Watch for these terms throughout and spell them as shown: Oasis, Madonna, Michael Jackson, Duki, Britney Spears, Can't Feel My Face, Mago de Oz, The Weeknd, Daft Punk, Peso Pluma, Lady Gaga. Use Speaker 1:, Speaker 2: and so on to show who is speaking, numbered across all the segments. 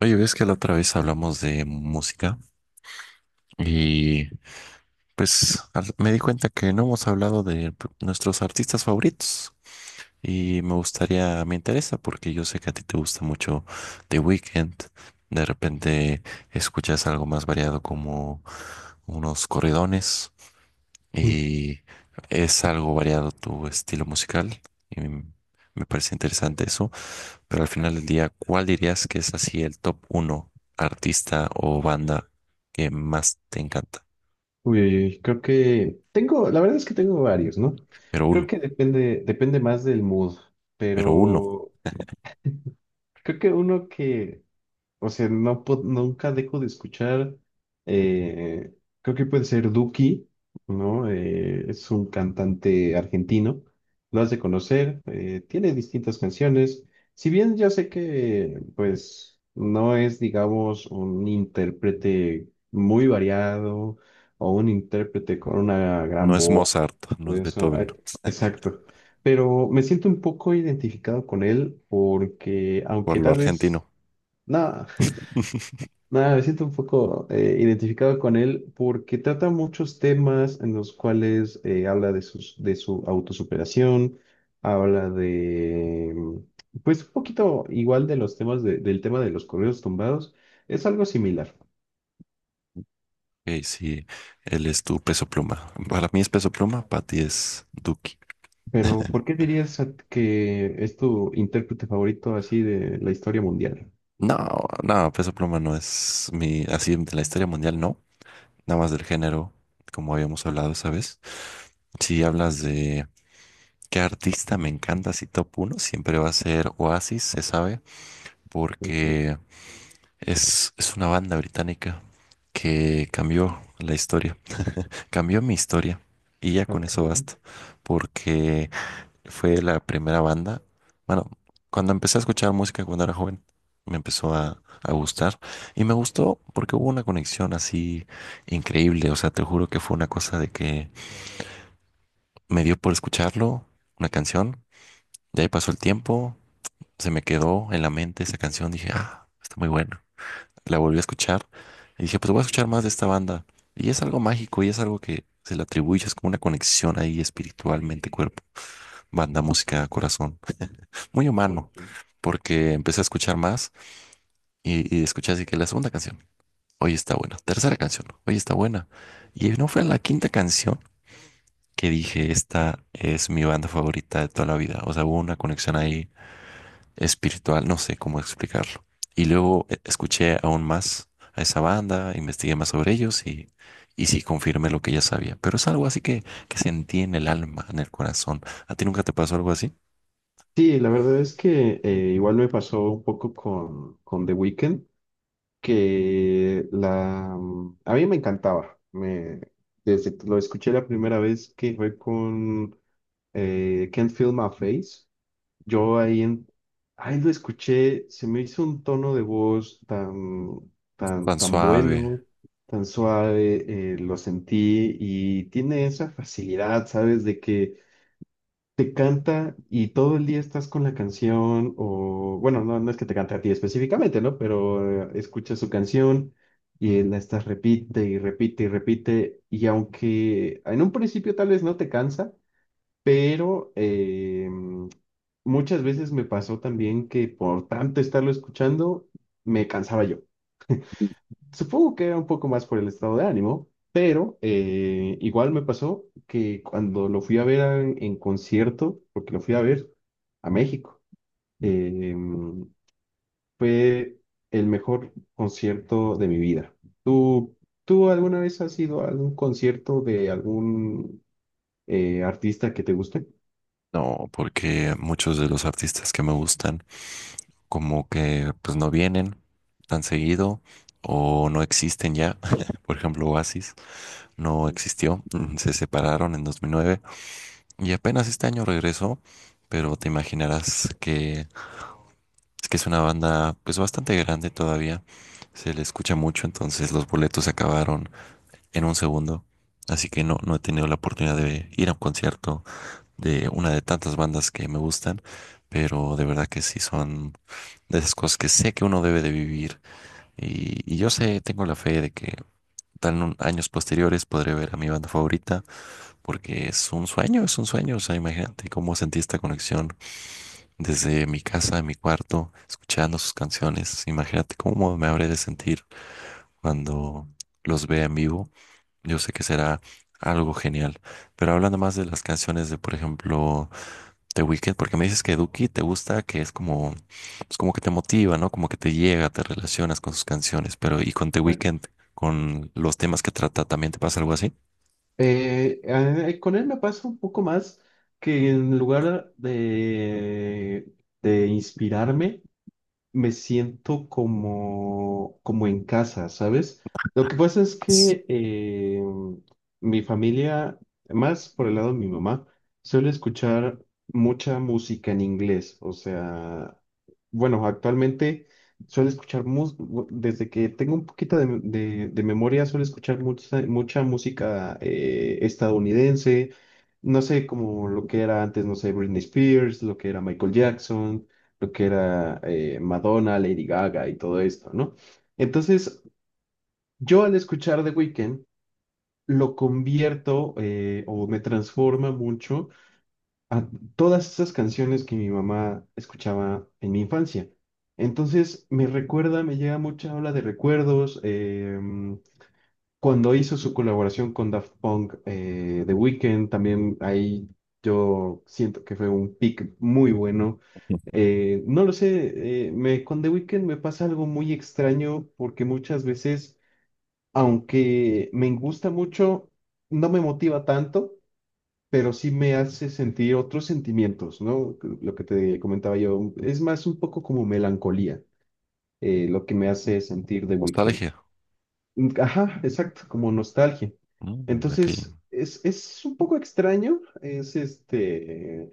Speaker 1: Oye, ves que la otra vez hablamos de música y pues me di cuenta que no hemos hablado de nuestros artistas favoritos y me gustaría, me interesa porque yo sé que a ti te gusta mucho The Weeknd. De repente escuchas algo más variado como unos corridones
Speaker 2: Mm,
Speaker 1: y es algo variado tu estilo musical y me parece interesante eso. Pero al final del día, ¿cuál dirías que es así el top uno artista o banda que más te encanta?
Speaker 2: Creo que tengo, la verdad es que tengo varios, ¿no?
Speaker 1: Pero
Speaker 2: Creo
Speaker 1: uno,
Speaker 2: que depende más del mood,
Speaker 1: pero uno.
Speaker 2: pero creo que uno que o sea, no, nunca dejo de escuchar, eh, creo que puede ser Duki, ¿no? Es un cantante argentino, lo has de conocer, tiene distintas canciones. Si bien yo sé que, pues, no es, digamos, un intérprete muy variado o un intérprete con una
Speaker 1: No
Speaker 2: gran
Speaker 1: es
Speaker 2: voz,
Speaker 1: Mozart, no es
Speaker 2: eso,
Speaker 1: Beethoven,
Speaker 2: exacto. Pero me siento un poco identificado con él porque,
Speaker 1: por
Speaker 2: aunque
Speaker 1: lo
Speaker 2: tal vez...
Speaker 1: argentino.
Speaker 2: No. Nada, me siento un poco identificado con él porque trata muchos temas en los cuales habla de su autosuperación, habla de, mm, pues un poquito igual de los del tema de los correos tumbados, es algo similar.
Speaker 1: Ok, sí, él es tu Peso Pluma. Para mí es Peso Pluma, para ti es Duki.
Speaker 2: Pero, ¿por qué dirías que es tu intérprete favorito así de la historia mundial?
Speaker 1: No, no, Peso Pluma no es mi, así de la historia mundial, no. Nada más del género, como habíamos hablado esa vez. Si hablas de qué artista me encanta, si top uno, siempre va a ser Oasis, se sabe,
Speaker 2: Ok.
Speaker 1: porque es una banda británica que cambió la historia, cambió mi historia y ya con eso
Speaker 2: Ok.
Speaker 1: basta, porque fue la primera banda, bueno, cuando empecé a escuchar música cuando era joven, me empezó a gustar y me gustó porque hubo una conexión así increíble. O sea, te juro que fue una cosa de que me dio por escucharlo, una canción. De ahí pasó el tiempo, se me quedó en la mente esa canción, dije, ah, está muy buena. La volví a escuchar y dije, pues voy a escuchar más de esta banda. Y es algo mágico y es algo que se le atribuye, es como una conexión ahí espiritualmente, cuerpo, banda, música, corazón, muy
Speaker 2: Ok.
Speaker 1: humano, porque empecé a escuchar más y escuché así que la segunda canción, hoy está buena, tercera canción, hoy está buena. Y no fue la quinta canción que dije, esta es mi banda favorita de toda la vida. O sea, hubo una conexión ahí espiritual, no sé cómo explicarlo. Y luego escuché aún más a esa banda, investigué más sobre ellos y sí confirmé lo que ya sabía. Pero es algo así que sentí en el alma, en el corazón. ¿A ti nunca te pasó algo así?
Speaker 2: Sí, la verdad es que igual me pasó un poco con The Weeknd. A mí me encantaba. Desde que lo escuché la primera vez que fue con Can't Feel My Face, yo ahí lo escuché, se me hizo un tono de voz
Speaker 1: Tan
Speaker 2: tan
Speaker 1: suave.
Speaker 2: bueno, tan suave, lo sentí y tiene esa facilidad, ¿sabes? De que te canta y todo el día estás con la canción, o bueno, no es que te cante a ti específicamente, ¿no? Pero escuchas su canción y la estás repite y repite y repite, y aunque en un principio tal vez no te cansa, pero muchas veces me pasó también que por tanto estarlo escuchando, me cansaba yo. Supongo que era un poco más por el estado de ánimo, pero igual me pasó que cuando lo fui a ver concierto, porque lo fui a ver a México, eh, fue el mejor concierto de mi vida. ¿Tú, tú alguna vez has ido a algún concierto de algún artista que te guste?
Speaker 1: No, porque muchos de los artistas que me gustan como que pues no vienen tan seguido o no existen ya. Por ejemplo, Oasis no existió, se separaron en 2009. Y apenas este año regresó, pero te imaginarás que es una banda pues bastante grande todavía. Se le escucha mucho, entonces los boletos se acabaron en un segundo. Así que no, no he tenido la oportunidad de ir a un concierto de una de tantas bandas que me gustan, pero de verdad que sí son de esas cosas que sé que uno debe de vivir. Y yo sé, tengo la fe de que tal en años posteriores podré ver a mi banda favorita, porque es un sueño, es un sueño. O sea, imagínate cómo sentí esta conexión desde mi casa, en mi cuarto, escuchando sus canciones. Imagínate cómo me habré de sentir cuando los vea en vivo. Yo sé que será algo genial. Pero hablando más de las canciones de, por ejemplo, The Weeknd, porque me dices que Duki te gusta, que es como, pues como que te motiva, ¿no? Como que te llega, te relacionas con sus canciones. Pero ¿y con The
Speaker 2: Exacto.
Speaker 1: Weeknd, con los temas que trata, también te pasa algo así?
Speaker 2: Con él me pasa un poco más que en lugar de inspirarme, me siento como en casa, ¿sabes? Lo que pasa es
Speaker 1: Sí.
Speaker 2: que mi familia, más por el lado de mi mamá, suele escuchar mucha música en inglés. O sea, bueno, actualmente suele escuchar, mus- desde que tengo un poquito de memoria, suele escuchar mucha música estadounidense. No sé, como lo que era antes, no sé, Britney Spears, lo que era Michael Jackson, lo que era Madonna, Lady Gaga y todo esto, ¿no? Entonces, yo al escuchar The Weeknd, lo convierto o me transforma mucho a todas esas canciones que mi mamá escuchaba en mi infancia. Entonces, me recuerda, me llega mucha ola de recuerdos. Cuando hizo su colaboración con Daft Punk, The Weeknd, también ahí yo siento que fue un pick muy bueno, no lo sé, con The Weeknd me pasa algo muy extraño porque muchas veces, aunque me gusta mucho, no me motiva tanto, pero sí me hace sentir otros sentimientos, ¿no? Lo que te comentaba yo, es más un poco como melancolía, lo que me hace sentir The Weeknd.
Speaker 1: Nostalgia.
Speaker 2: Mm, ajá, exacto, como nostalgia.
Speaker 1: Mm, ok.
Speaker 2: Entonces, es un poco extraño, es este,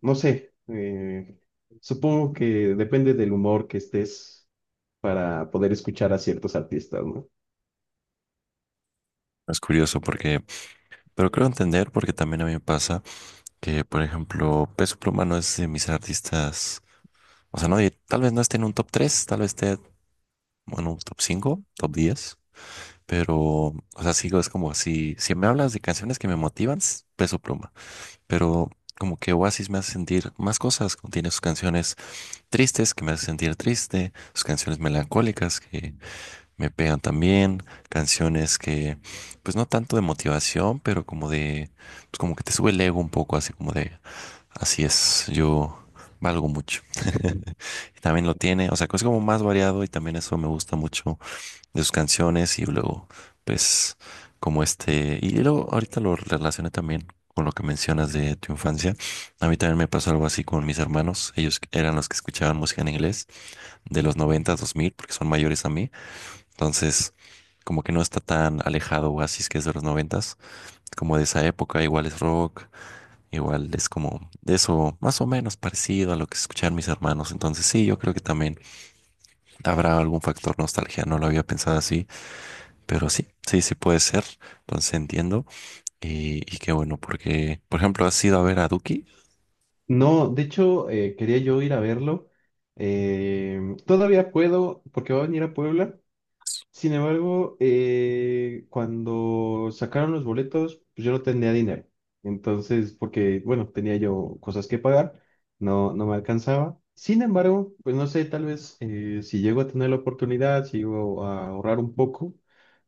Speaker 2: no sé, supongo que depende del humor que estés para poder escuchar a ciertos artistas, ¿no?
Speaker 1: Es curioso porque, pero creo entender porque también a mí me pasa. Que, por ejemplo, Peso Pluma no es de mis artistas, o sea, no, tal vez no esté en un top tres, tal vez esté en un top cinco, top 10, pero, o sea, sigo, es como si me hablas de canciones que me motivan, Peso Pluma, pero como que Oasis me hace sentir más cosas, como tiene sus canciones tristes que me hacen sentir triste, sus canciones melancólicas que me pegan también, canciones que, pues no tanto de motivación, pero como de, pues como que te sube el ego un poco, así como de: así es, yo valgo mucho. También lo tiene, o sea, que es como más variado y también eso me gusta mucho de sus canciones y luego, pues, como este, y luego ahorita lo relacioné también con lo que mencionas de tu infancia. A mí también me pasó algo así con mis hermanos, ellos eran los que escuchaban música en inglés de los noventa, dos mil, porque son mayores a mí, entonces... Como que no está tan alejado Oasis, que es de los noventas, como de esa época, igual es rock, igual es como eso, más o menos parecido a lo que escuchar mis hermanos. Entonces sí, yo creo que también habrá algún factor nostalgia. No lo había pensado así, pero sí, sí, sí puede ser. Entonces entiendo. Y qué bueno, porque, por ejemplo, has ido a ver a Duki.
Speaker 2: No, de hecho, quería yo ir a verlo. Eh, Todavía puedo, porque va a venir a Puebla. Sin embargo, cuando sacaron los boletos, pues yo no tenía dinero. Entonces, porque, bueno, tenía yo cosas que pagar, no, no me alcanzaba. Sin embargo, pues no sé, tal vez si llego a tener la oportunidad, si llego a ahorrar un poco.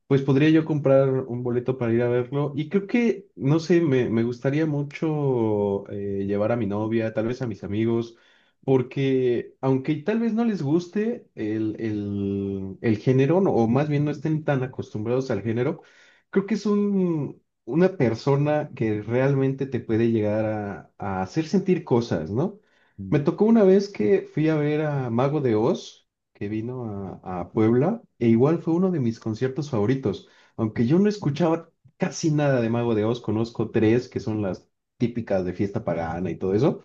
Speaker 2: Pues podría yo comprar un boleto para ir a verlo y creo que, no sé, me gustaría mucho llevar a mi novia, tal vez a mis amigos, porque aunque tal vez no les guste el género, o más bien no estén tan acostumbrados al género, creo que es una persona que realmente te puede llegar a hacer sentir cosas, ¿no?
Speaker 1: Mm.
Speaker 2: Me tocó una vez que fui a ver a Mago de Oz, que vino a Puebla e igual fue uno de mis conciertos favoritos. Aunque yo no escuchaba casi nada de Mago de Oz, conozco tres que son las típicas de fiesta pagana y todo eso,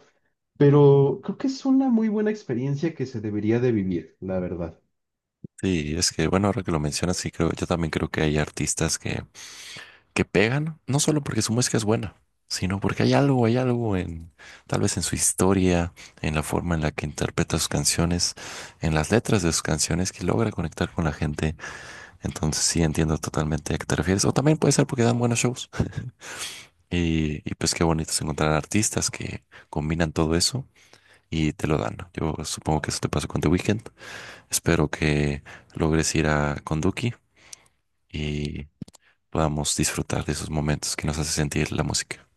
Speaker 2: pero creo que es una muy buena experiencia que se debería de vivir, la verdad.
Speaker 1: Sí, es que bueno, ahora que lo mencionas, sí creo, yo también creo que hay artistas que pegan, no solo porque su música es buena, sino porque hay algo en, tal vez en su historia, en la forma en la que interpreta sus canciones, en las letras de sus canciones que logra conectar con la gente. Entonces sí entiendo totalmente a qué te refieres. O también puede ser porque dan buenos shows. Y pues qué bonito es encontrar artistas que combinan todo eso y te lo dan. Yo supongo que eso te pasó con The Weeknd. Espero que logres ir a con Duki y podamos disfrutar de esos momentos que nos hace sentir la música.